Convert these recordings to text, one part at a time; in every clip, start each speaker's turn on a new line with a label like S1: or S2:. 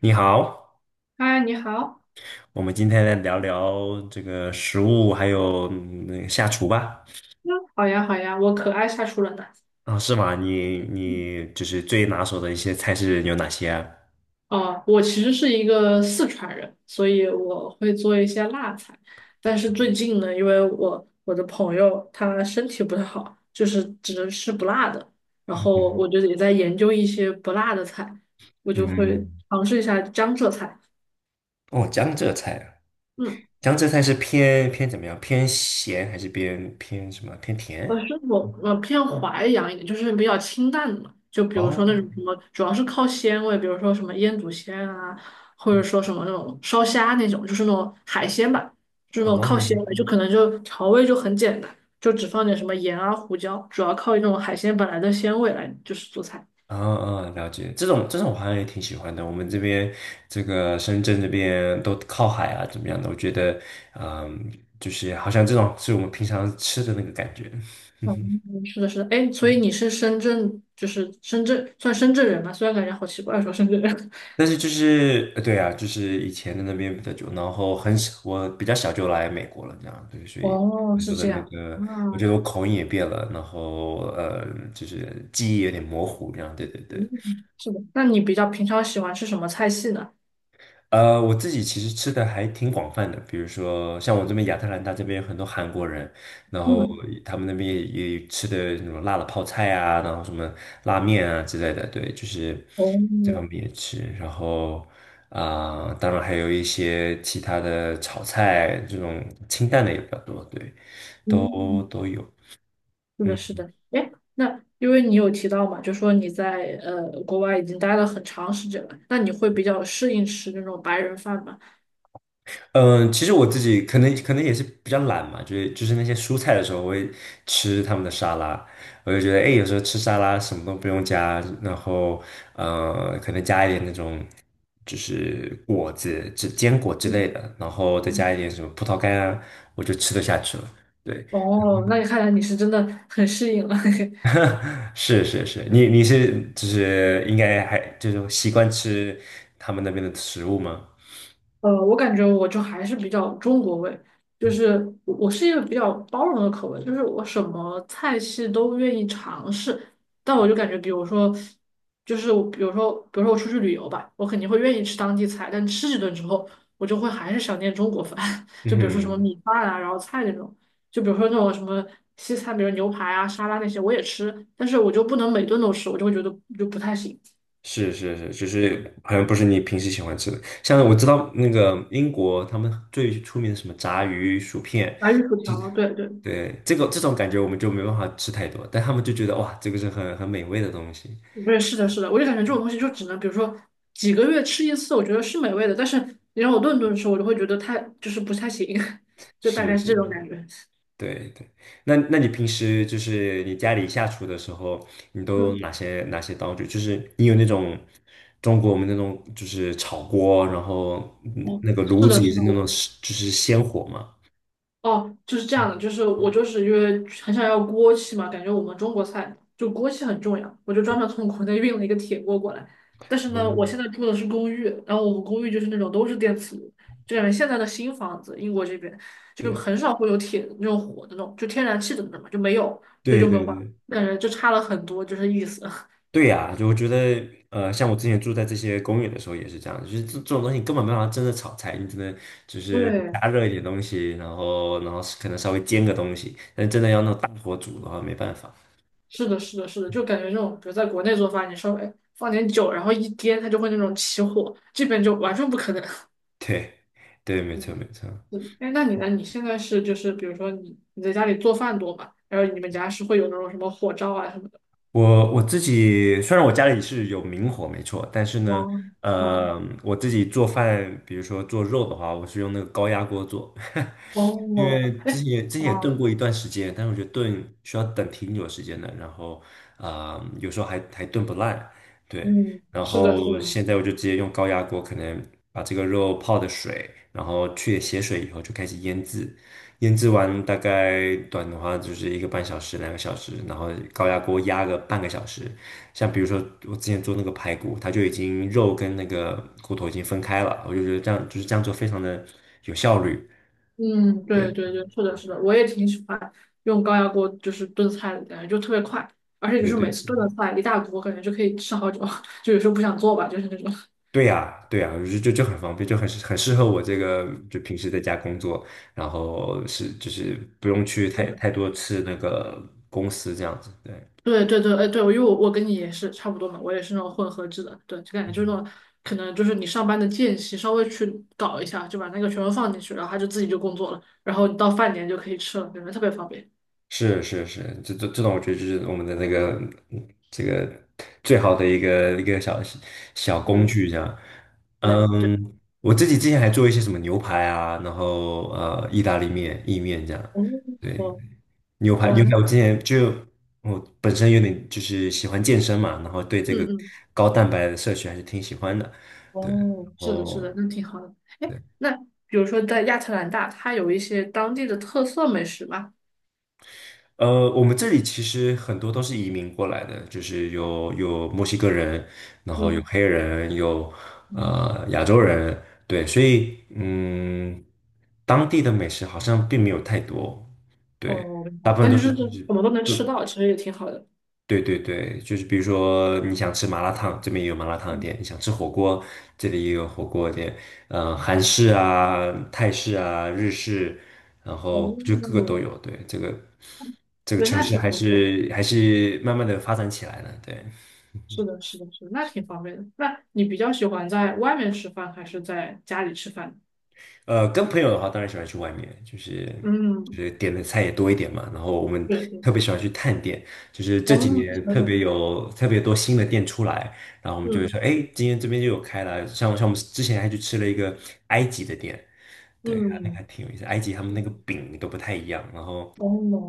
S1: 你好，
S2: 嗨，你好。
S1: 我们今天来聊聊这个食物，还有下厨吧。
S2: 嗯，好呀，好呀，我可爱下厨了呢。
S1: 啊，是吗？你
S2: 嗯，
S1: 你就是最拿手的一些菜是有哪些啊？
S2: 哦，我其实是一个四川人，所以我会做一些辣菜。但是最近呢，因为我的朋友他身体不太好，就是只能吃不辣的。然 后
S1: 嗯，
S2: 我就也在研究一些不辣的菜，我就会
S1: 嗯
S2: 尝试一下江浙菜。
S1: 哦，江浙菜啊
S2: 嗯。
S1: 江浙菜是偏怎么样？偏咸还是偏什么？偏
S2: 我
S1: 甜？
S2: 是我我偏淮扬一点，就是比较清淡的嘛，就比如说那
S1: 哦
S2: 种什么，主要是靠鲜味，比如说什么腌笃鲜啊，或者说什么那种烧虾那种，就是那种海鲜吧，就是那种靠
S1: 哦，
S2: 鲜味，就可能就调味就很简单，就只放点什么盐啊、胡椒，主要靠那种海鲜本来的鲜味来就是做菜。
S1: 嗯嗯，了解。这种我好像也挺喜欢的。我们这边这个深圳这边都靠海啊，怎么样的？我觉得，嗯，就是好像这种是我们平常吃的那个感觉。
S2: 嗯，是的，是的，哎，所以你是深圳，就是深圳，算深圳人吧，虽然感觉好奇怪说深圳人。
S1: 但是就是，对啊，就是以前的那边比较久，然后很小，我比较小就来美国了，这样，对，所以
S2: 哦，
S1: 很
S2: 是
S1: 多的
S2: 这
S1: 那
S2: 样
S1: 个，我觉
S2: 啊，
S1: 得我口音也变了，然后就是记忆有点模糊，这样，对对对。
S2: 嗯，是的。那你比较平常喜欢吃什么菜系呢？
S1: 我自己其实吃的还挺广泛的，比如说像我这边亚特兰大这边有很多韩国人，然后
S2: 嗯，
S1: 他们那边也吃的那种辣的泡菜啊，然后什么拉面啊之类的，对，就是
S2: 哦，
S1: 这方面也吃。然后啊、当然还有一些其他的炒菜，这种清淡的也比较多，对，都
S2: 嗯，
S1: 都有。
S2: 是的，是
S1: 嗯。
S2: 的。哎，那因为你有提到嘛，就说你在国外已经待了很长时间了，那你会比较适应吃那种白人饭吗？
S1: 嗯，其实我自己可能也是比较懒嘛，就是那些蔬菜的时候，我会吃他们的沙拉，我就觉得哎，诶有时候吃沙拉什么都不用加，然后可能加一点那种就是果子、只坚果之
S2: 嗯
S1: 类的，然后再加
S2: 嗯，
S1: 一点什么葡萄干啊，我就吃得下去了。对，
S2: 哦，那你看来你是真的很适应了。
S1: 是是是，你是就是应该还就是习惯吃他们那边的食物吗？
S2: 我感觉我就还是比较中国味，就是我是一个比较包容的口味，就是我什么菜系都愿意尝试。但我就感觉，比如说，就是我，比如说，比如说我出去旅游吧，我肯定会愿意吃当地菜，但吃几顿之后，我就会还是想念中国饭，
S1: 嗯
S2: 就比如说什么
S1: 哼。
S2: 米饭啊，然后菜那种，就比如说那种什么西餐，比如牛排啊、沙拉那些，我也吃，但是我就不能每顿都吃，我就会觉得就不太行。
S1: 是是是，就是好像不是你平时喜欢吃的。像我知道那个英国，他们最出名的什么炸鱼薯片，
S2: 白玉薯
S1: 就
S2: 条，对对。
S1: 对这个这种感觉我们就没办法吃太多，但他们就觉得哇，这个是很美味的东西。
S2: 对，是，是的，是的，我就感觉这种东西就只能，比如说几个月吃一次，我觉得是美味的。但是你让我顿顿吃，我就会觉得太就是不太行，就大
S1: 是
S2: 概是这
S1: 是，
S2: 种感觉。
S1: 对对。那你平时就是你家里下厨的时候，你都有
S2: 嗯，
S1: 哪些道具？就是你有那种中国我们那种就是炒锅，然后
S2: 哦，
S1: 那个
S2: 是
S1: 炉子
S2: 的，
S1: 也
S2: 是
S1: 是
S2: 的，
S1: 那种
S2: 我
S1: 就是鲜火嘛。
S2: 哦，就是这样的，就是我就是因为很想要锅气嘛，感觉我们中国菜就锅气很重要，我就专门从国内运了一个铁锅过来。但是呢，我
S1: 嗯，
S2: 现在住的是公寓，然后我们公寓就是那种都是电磁炉，就感觉现在的新房子，英国这边就
S1: 对
S2: 很少会有铁那种火的那种，就天然气的那种嘛，就没有，所以
S1: 对
S2: 就没有
S1: 对
S2: 办法，
S1: 对。
S2: 感觉就差了很多，就是意思。
S1: 对呀，就我觉得，像我之前住在这些公寓的时候也是这样，就是这种东西你根本没办法真的炒菜，你只能就是
S2: 对，
S1: 加热一点东西，然后可能稍微煎个东西，但真的要那种大火煮的话没办法。
S2: 是的，是的，是的，就感觉这种，比如在国内做饭，你稍微放点酒，然后一颠，它就会那种起火，这边就完全不可能。
S1: 对，对，没错没错。
S2: 嗯，哎，那你呢？你现在是就是比如说你在家里做饭多吗？然后你们家是会有那种什么火灶啊什么的？
S1: 我自己虽然我家里是有明火没错，但是呢，
S2: 汪啊
S1: 我自己做饭，比如说做肉的话，我是用那个高压锅做。因为
S2: 哦，
S1: 之
S2: 哎
S1: 前也之前也炖
S2: 啊
S1: 过一段时间，但是我觉得炖需要等挺久时间的，然后有时候还炖不烂，对。
S2: 嗯，
S1: 然
S2: 是的，是
S1: 后
S2: 的，
S1: 现在我就直接用高压锅，可能把这个肉泡的水，然后去血水以后就开始腌制，腌制完大概短的话就是一个半小时、2个小时，然后高压锅压个半个小时。像比如说我之前做那个排骨，它就已经肉跟那个骨头已经分开了，我就觉得这样就是这样做非常的有效率。
S2: 嗯，对
S1: 对
S2: 对对，是的，是的，我也挺喜欢用高压锅就是炖菜的，感觉就特别快，而且就
S1: 对
S2: 是每
S1: 对。
S2: 次炖的菜一大锅，感觉就可以吃好久，就有时候不想做吧，就是那种。
S1: 对呀，对呀，就很方便，就很适合我这个就平时在家工作，然后是就是不用去
S2: 是
S1: 太
S2: 的。
S1: 太多次那个公司这样子。对，
S2: 对对对，哎对，因为我跟你也是差不多嘛，我也是那种混合制的，对，就感觉就是那种可能就是你上班的间隙稍微去搞一下，就把那个全部放进去，然后他就自己就工作了，然后你到饭点就可以吃了，感觉特别方便。
S1: 是是是，这种我觉得就是我们的那个这个最好的一个小小
S2: 对
S1: 工
S2: 的
S1: 具这样。
S2: 对对，
S1: 嗯，我自己之前还做一些什么牛排啊，然后意大利面、意面这样。
S2: 哦，
S1: 对。
S2: 哦，
S1: 牛排，
S2: 哇，
S1: 牛
S2: 那
S1: 排，我本身有点就是喜欢健身嘛，然后对这
S2: 嗯
S1: 个
S2: 嗯，
S1: 高蛋白的摄取还是挺喜欢的。对，
S2: 哦，是的，是的，
S1: 哦，
S2: 那挺好的。哎，
S1: 对，
S2: 那比如说在亚特兰大，它有一些当地的特色美食吗？
S1: 我们这里其实很多都是移民过来的，就是有墨西哥人，然后有
S2: 嗯，
S1: 黑人，有
S2: 嗯
S1: 亚洲人，对，所以当地的美食好像并没有太多，对，
S2: 哦，明
S1: 大
S2: 白
S1: 部分
S2: 但
S1: 都
S2: 是就
S1: 是
S2: 是
S1: 就是。
S2: 什么都能吃到，其实也挺好的。
S1: 对对对，就是比如说你想吃麻辣烫，这边也有麻辣烫
S2: 嗯，
S1: 店；你想吃火锅，这里也有火锅店。嗯，韩式啊、泰式啊、日式，然后就各个
S2: 哦，
S1: 都有。对，这个
S2: 对，
S1: 城
S2: 那
S1: 市
S2: 挺
S1: 还
S2: 不错。
S1: 是还是慢慢的发展起来了。对，
S2: 是的，是的，是的，那挺方便的。那你比较喜欢在外面吃饭还是在家里吃饭？
S1: 跟朋友的话，当然喜欢去外面，就是就
S2: 嗯，
S1: 是点的菜也多一点嘛。然后我们
S2: 对对，
S1: 特别喜欢去探店，就是
S2: 哦，
S1: 这几
S2: 是
S1: 年特
S2: 的，
S1: 别有特别多新的店出来，然后我们就会
S2: 嗯
S1: 说，哎，今天这边就有开了。像我们之前还去吃了一个埃及的店，对，还那个
S2: 嗯，
S1: 还挺有意思。埃及他们
S2: 是
S1: 那个
S2: 的，
S1: 饼都不太一样，然后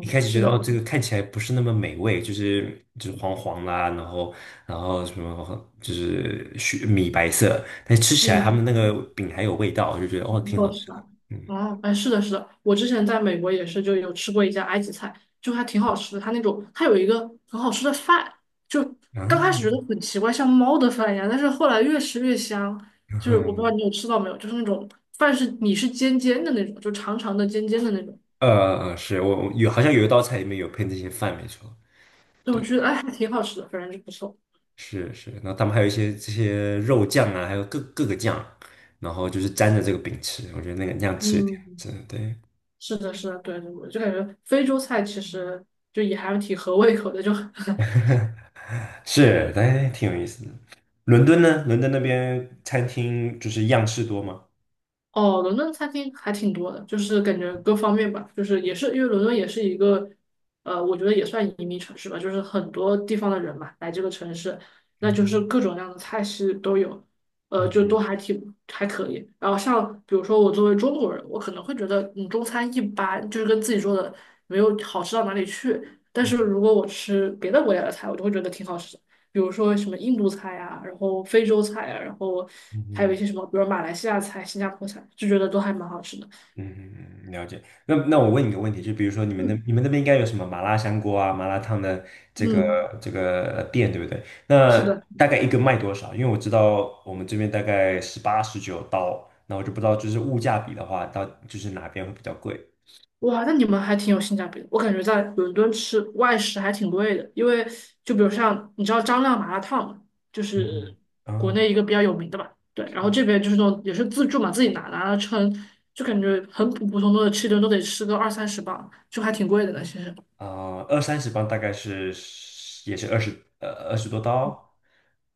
S1: 一开始觉
S2: 是
S1: 得
S2: 的，
S1: 哦，这个看起来不是那么美味，就是黄黄啦，然后什么就是雪米白色，但是吃起来他
S2: 嗯，
S1: 们那个饼还有味道，我就觉得
S2: 不
S1: 哦，挺好
S2: 错，是
S1: 吃的。
S2: 吧？
S1: 嗯
S2: 哦，哎，是的，是的，我之前在美国也是就有吃过一家埃及菜，就还挺好吃的。它那种，它有一个很好吃的饭，就刚
S1: 啊，
S2: 开始觉得很奇怪，像猫的饭一样，但是后来越吃越香。就是我不知道
S1: 嗯
S2: 你有吃到没有，就是那种饭是你是尖尖的那种，就长长的尖尖的那种。
S1: 是我有好像有一道菜里面有配那些饭，没错，
S2: 对，我觉得哎还挺好吃的，反正就不错。
S1: 是是。然后他们还有一些这些肉酱啊，还有各个酱，然后就是沾着这个饼吃，我觉得那样吃也挺好
S2: 嗯，
S1: 吃的，对。
S2: 是的，是的，对对，我就感觉非洲菜其实就也还挺合胃口的，就
S1: 是，哎，挺有意思的。伦敦呢？伦敦那边餐厅就是样式多吗？
S2: 哦，伦敦餐厅还挺多的，就是感觉各方面吧，就是也是因为伦敦也是一个，我觉得也算移民城市吧，就是很多地方的人嘛来这个城市，那就是
S1: 嗯
S2: 各种各样的菜系都有，
S1: 嗯
S2: 就
S1: 嗯
S2: 都还挺还可以。然后像比如说我作为中国人，我可能会觉得嗯中餐一般，就是跟自己做的没有好吃到哪里去。但是
S1: 嗯
S2: 如果我吃别的国家的菜，我就会觉得挺好吃的。比如说什么印度菜啊，然后非洲菜啊，然后还有
S1: 嗯
S2: 一些什么，比如马来西亚菜、新加坡菜，就觉得都还蛮好吃的。
S1: 嗯，了解。那我问你个问题，就比如说你们那
S2: 嗯
S1: 你们那边应该有什么麻辣香锅啊、麻辣烫的这个
S2: 嗯，
S1: 这个店，对不对？
S2: 是
S1: 那
S2: 的，
S1: 大概一个卖多少？因为我知道我们这边大概18、19刀，那我就不知道就是物价比的话，到就是哪边会比较贵？
S2: 哇，那你们还挺有性价比的。我感觉在伦敦吃外食还挺贵的，因为就比如像你知道张亮麻辣烫嘛，就是
S1: 嗯嗯，
S2: 国
S1: 哦，
S2: 内一个比较有名的吧，对，然后这
S1: 是
S2: 边就是那种也是自助嘛，自己拿拿了称，就感觉很普普通通的吃一顿都得吃个二三十磅，就还挺贵的呢，其实。
S1: 啊、20、30磅大概是也是二十多刀，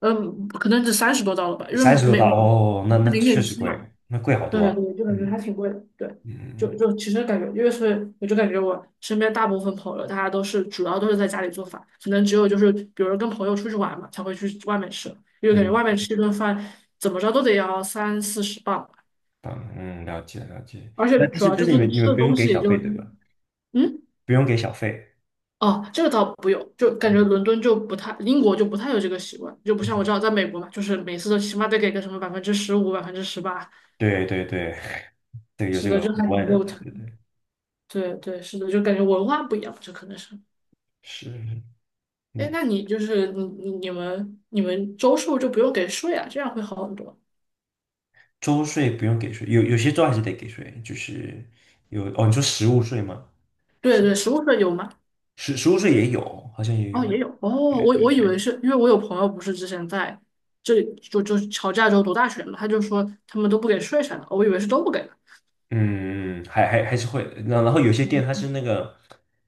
S2: 嗯，可能只三十多刀了吧，因为
S1: 三十多
S2: 每
S1: 刀哦，那
S2: 是
S1: 那
S2: 零
S1: 确
S2: 点
S1: 实
S2: 七嘛，
S1: 贵，那贵好
S2: 对
S1: 多啊。
S2: 对，就感觉
S1: 嗯
S2: 还挺贵的，对，
S1: 嗯
S2: 就
S1: 嗯
S2: 就其实感觉，因为是我就感觉我身边大部分朋友，大家都是主要都是在家里做饭，可能只有就是比如跟朋友出去玩嘛，才会去外面吃，因为感觉
S1: 嗯，
S2: 外面吃一顿饭怎么着都得要三四十磅吧
S1: 了解了解。
S2: 而且
S1: 那但
S2: 主
S1: 是
S2: 要
S1: 但
S2: 就
S1: 是你
S2: 是你
S1: 们你
S2: 吃
S1: 们
S2: 的
S1: 不用
S2: 东
S1: 给
S2: 西也
S1: 小
S2: 就
S1: 费对吧？
S2: 嗯。
S1: 不用给小费。
S2: 哦，这个倒不用，就感觉伦敦就不太，英国就不太有这个习惯，就不像我知道在美国嘛，就是每次都起码得给个什么15%、18%，
S1: 对对对，对有
S2: 是
S1: 这
S2: 的，
S1: 个额
S2: 就还挺
S1: 外的，
S2: 肉
S1: 对
S2: 疼。
S1: 对对，
S2: 对对，是的，就感觉文化不一样，这可能是。
S1: 是
S2: 哎，那
S1: 那
S2: 你就是你你你们你们周数就不用给税啊，这样会好很多。
S1: 周税不用给税，有些州还是得给税，就是有哦，你说实物税吗？
S2: 对对，实物税有吗？
S1: 实物税也有，好像也
S2: 哦，
S1: 有。
S2: 也有。哦，
S1: 对
S2: 我
S1: 对
S2: 我以为是因为我有朋友不是之前在这里就就乔治亚州读大学嘛，他就说他们都不给税啥的，我以为是都不给的。
S1: 嗯还是会，那然后有些店它是那个，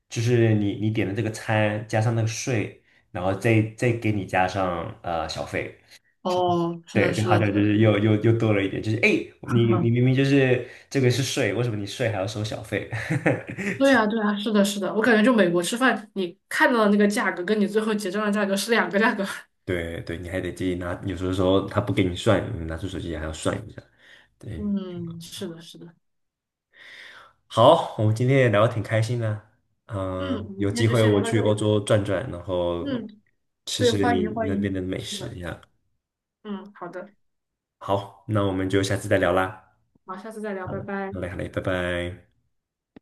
S1: 就是你点的这个餐加上那个税，然后再给你加上小费，
S2: 哦，是
S1: 对，
S2: 的，
S1: 就
S2: 是
S1: 好
S2: 的，
S1: 像
S2: 是
S1: 就
S2: 的。
S1: 是又多了一点，就是哎，诶你明明 就是这个是税，为什么你税还要收小费？
S2: 对呀，对呀，是的，是的，我感觉就美国吃饭，你看到的那个价格跟你最后结账的价格是两个价格。
S1: 对对，你还得自己拿，有时候说他不给你算，你拿出手机还要算一下，对。
S2: 嗯，是的，是的。
S1: 好，我们今天也聊得挺开心的。
S2: 嗯，我们
S1: 有
S2: 今天
S1: 机
S2: 就
S1: 会
S2: 先
S1: 我
S2: 聊到
S1: 去
S2: 这里
S1: 欧
S2: 吧。
S1: 洲转转，然后
S2: 嗯，
S1: 吃
S2: 对，
S1: 吃
S2: 欢
S1: 你
S2: 迎欢
S1: 那边的
S2: 迎，
S1: 美
S2: 是
S1: 食
S2: 的，
S1: 呀。
S2: 嗯，好的，
S1: 好，那我们就下次再聊啦。
S2: 好，下次再聊，拜拜。
S1: 好嘞，好嘞，拜拜。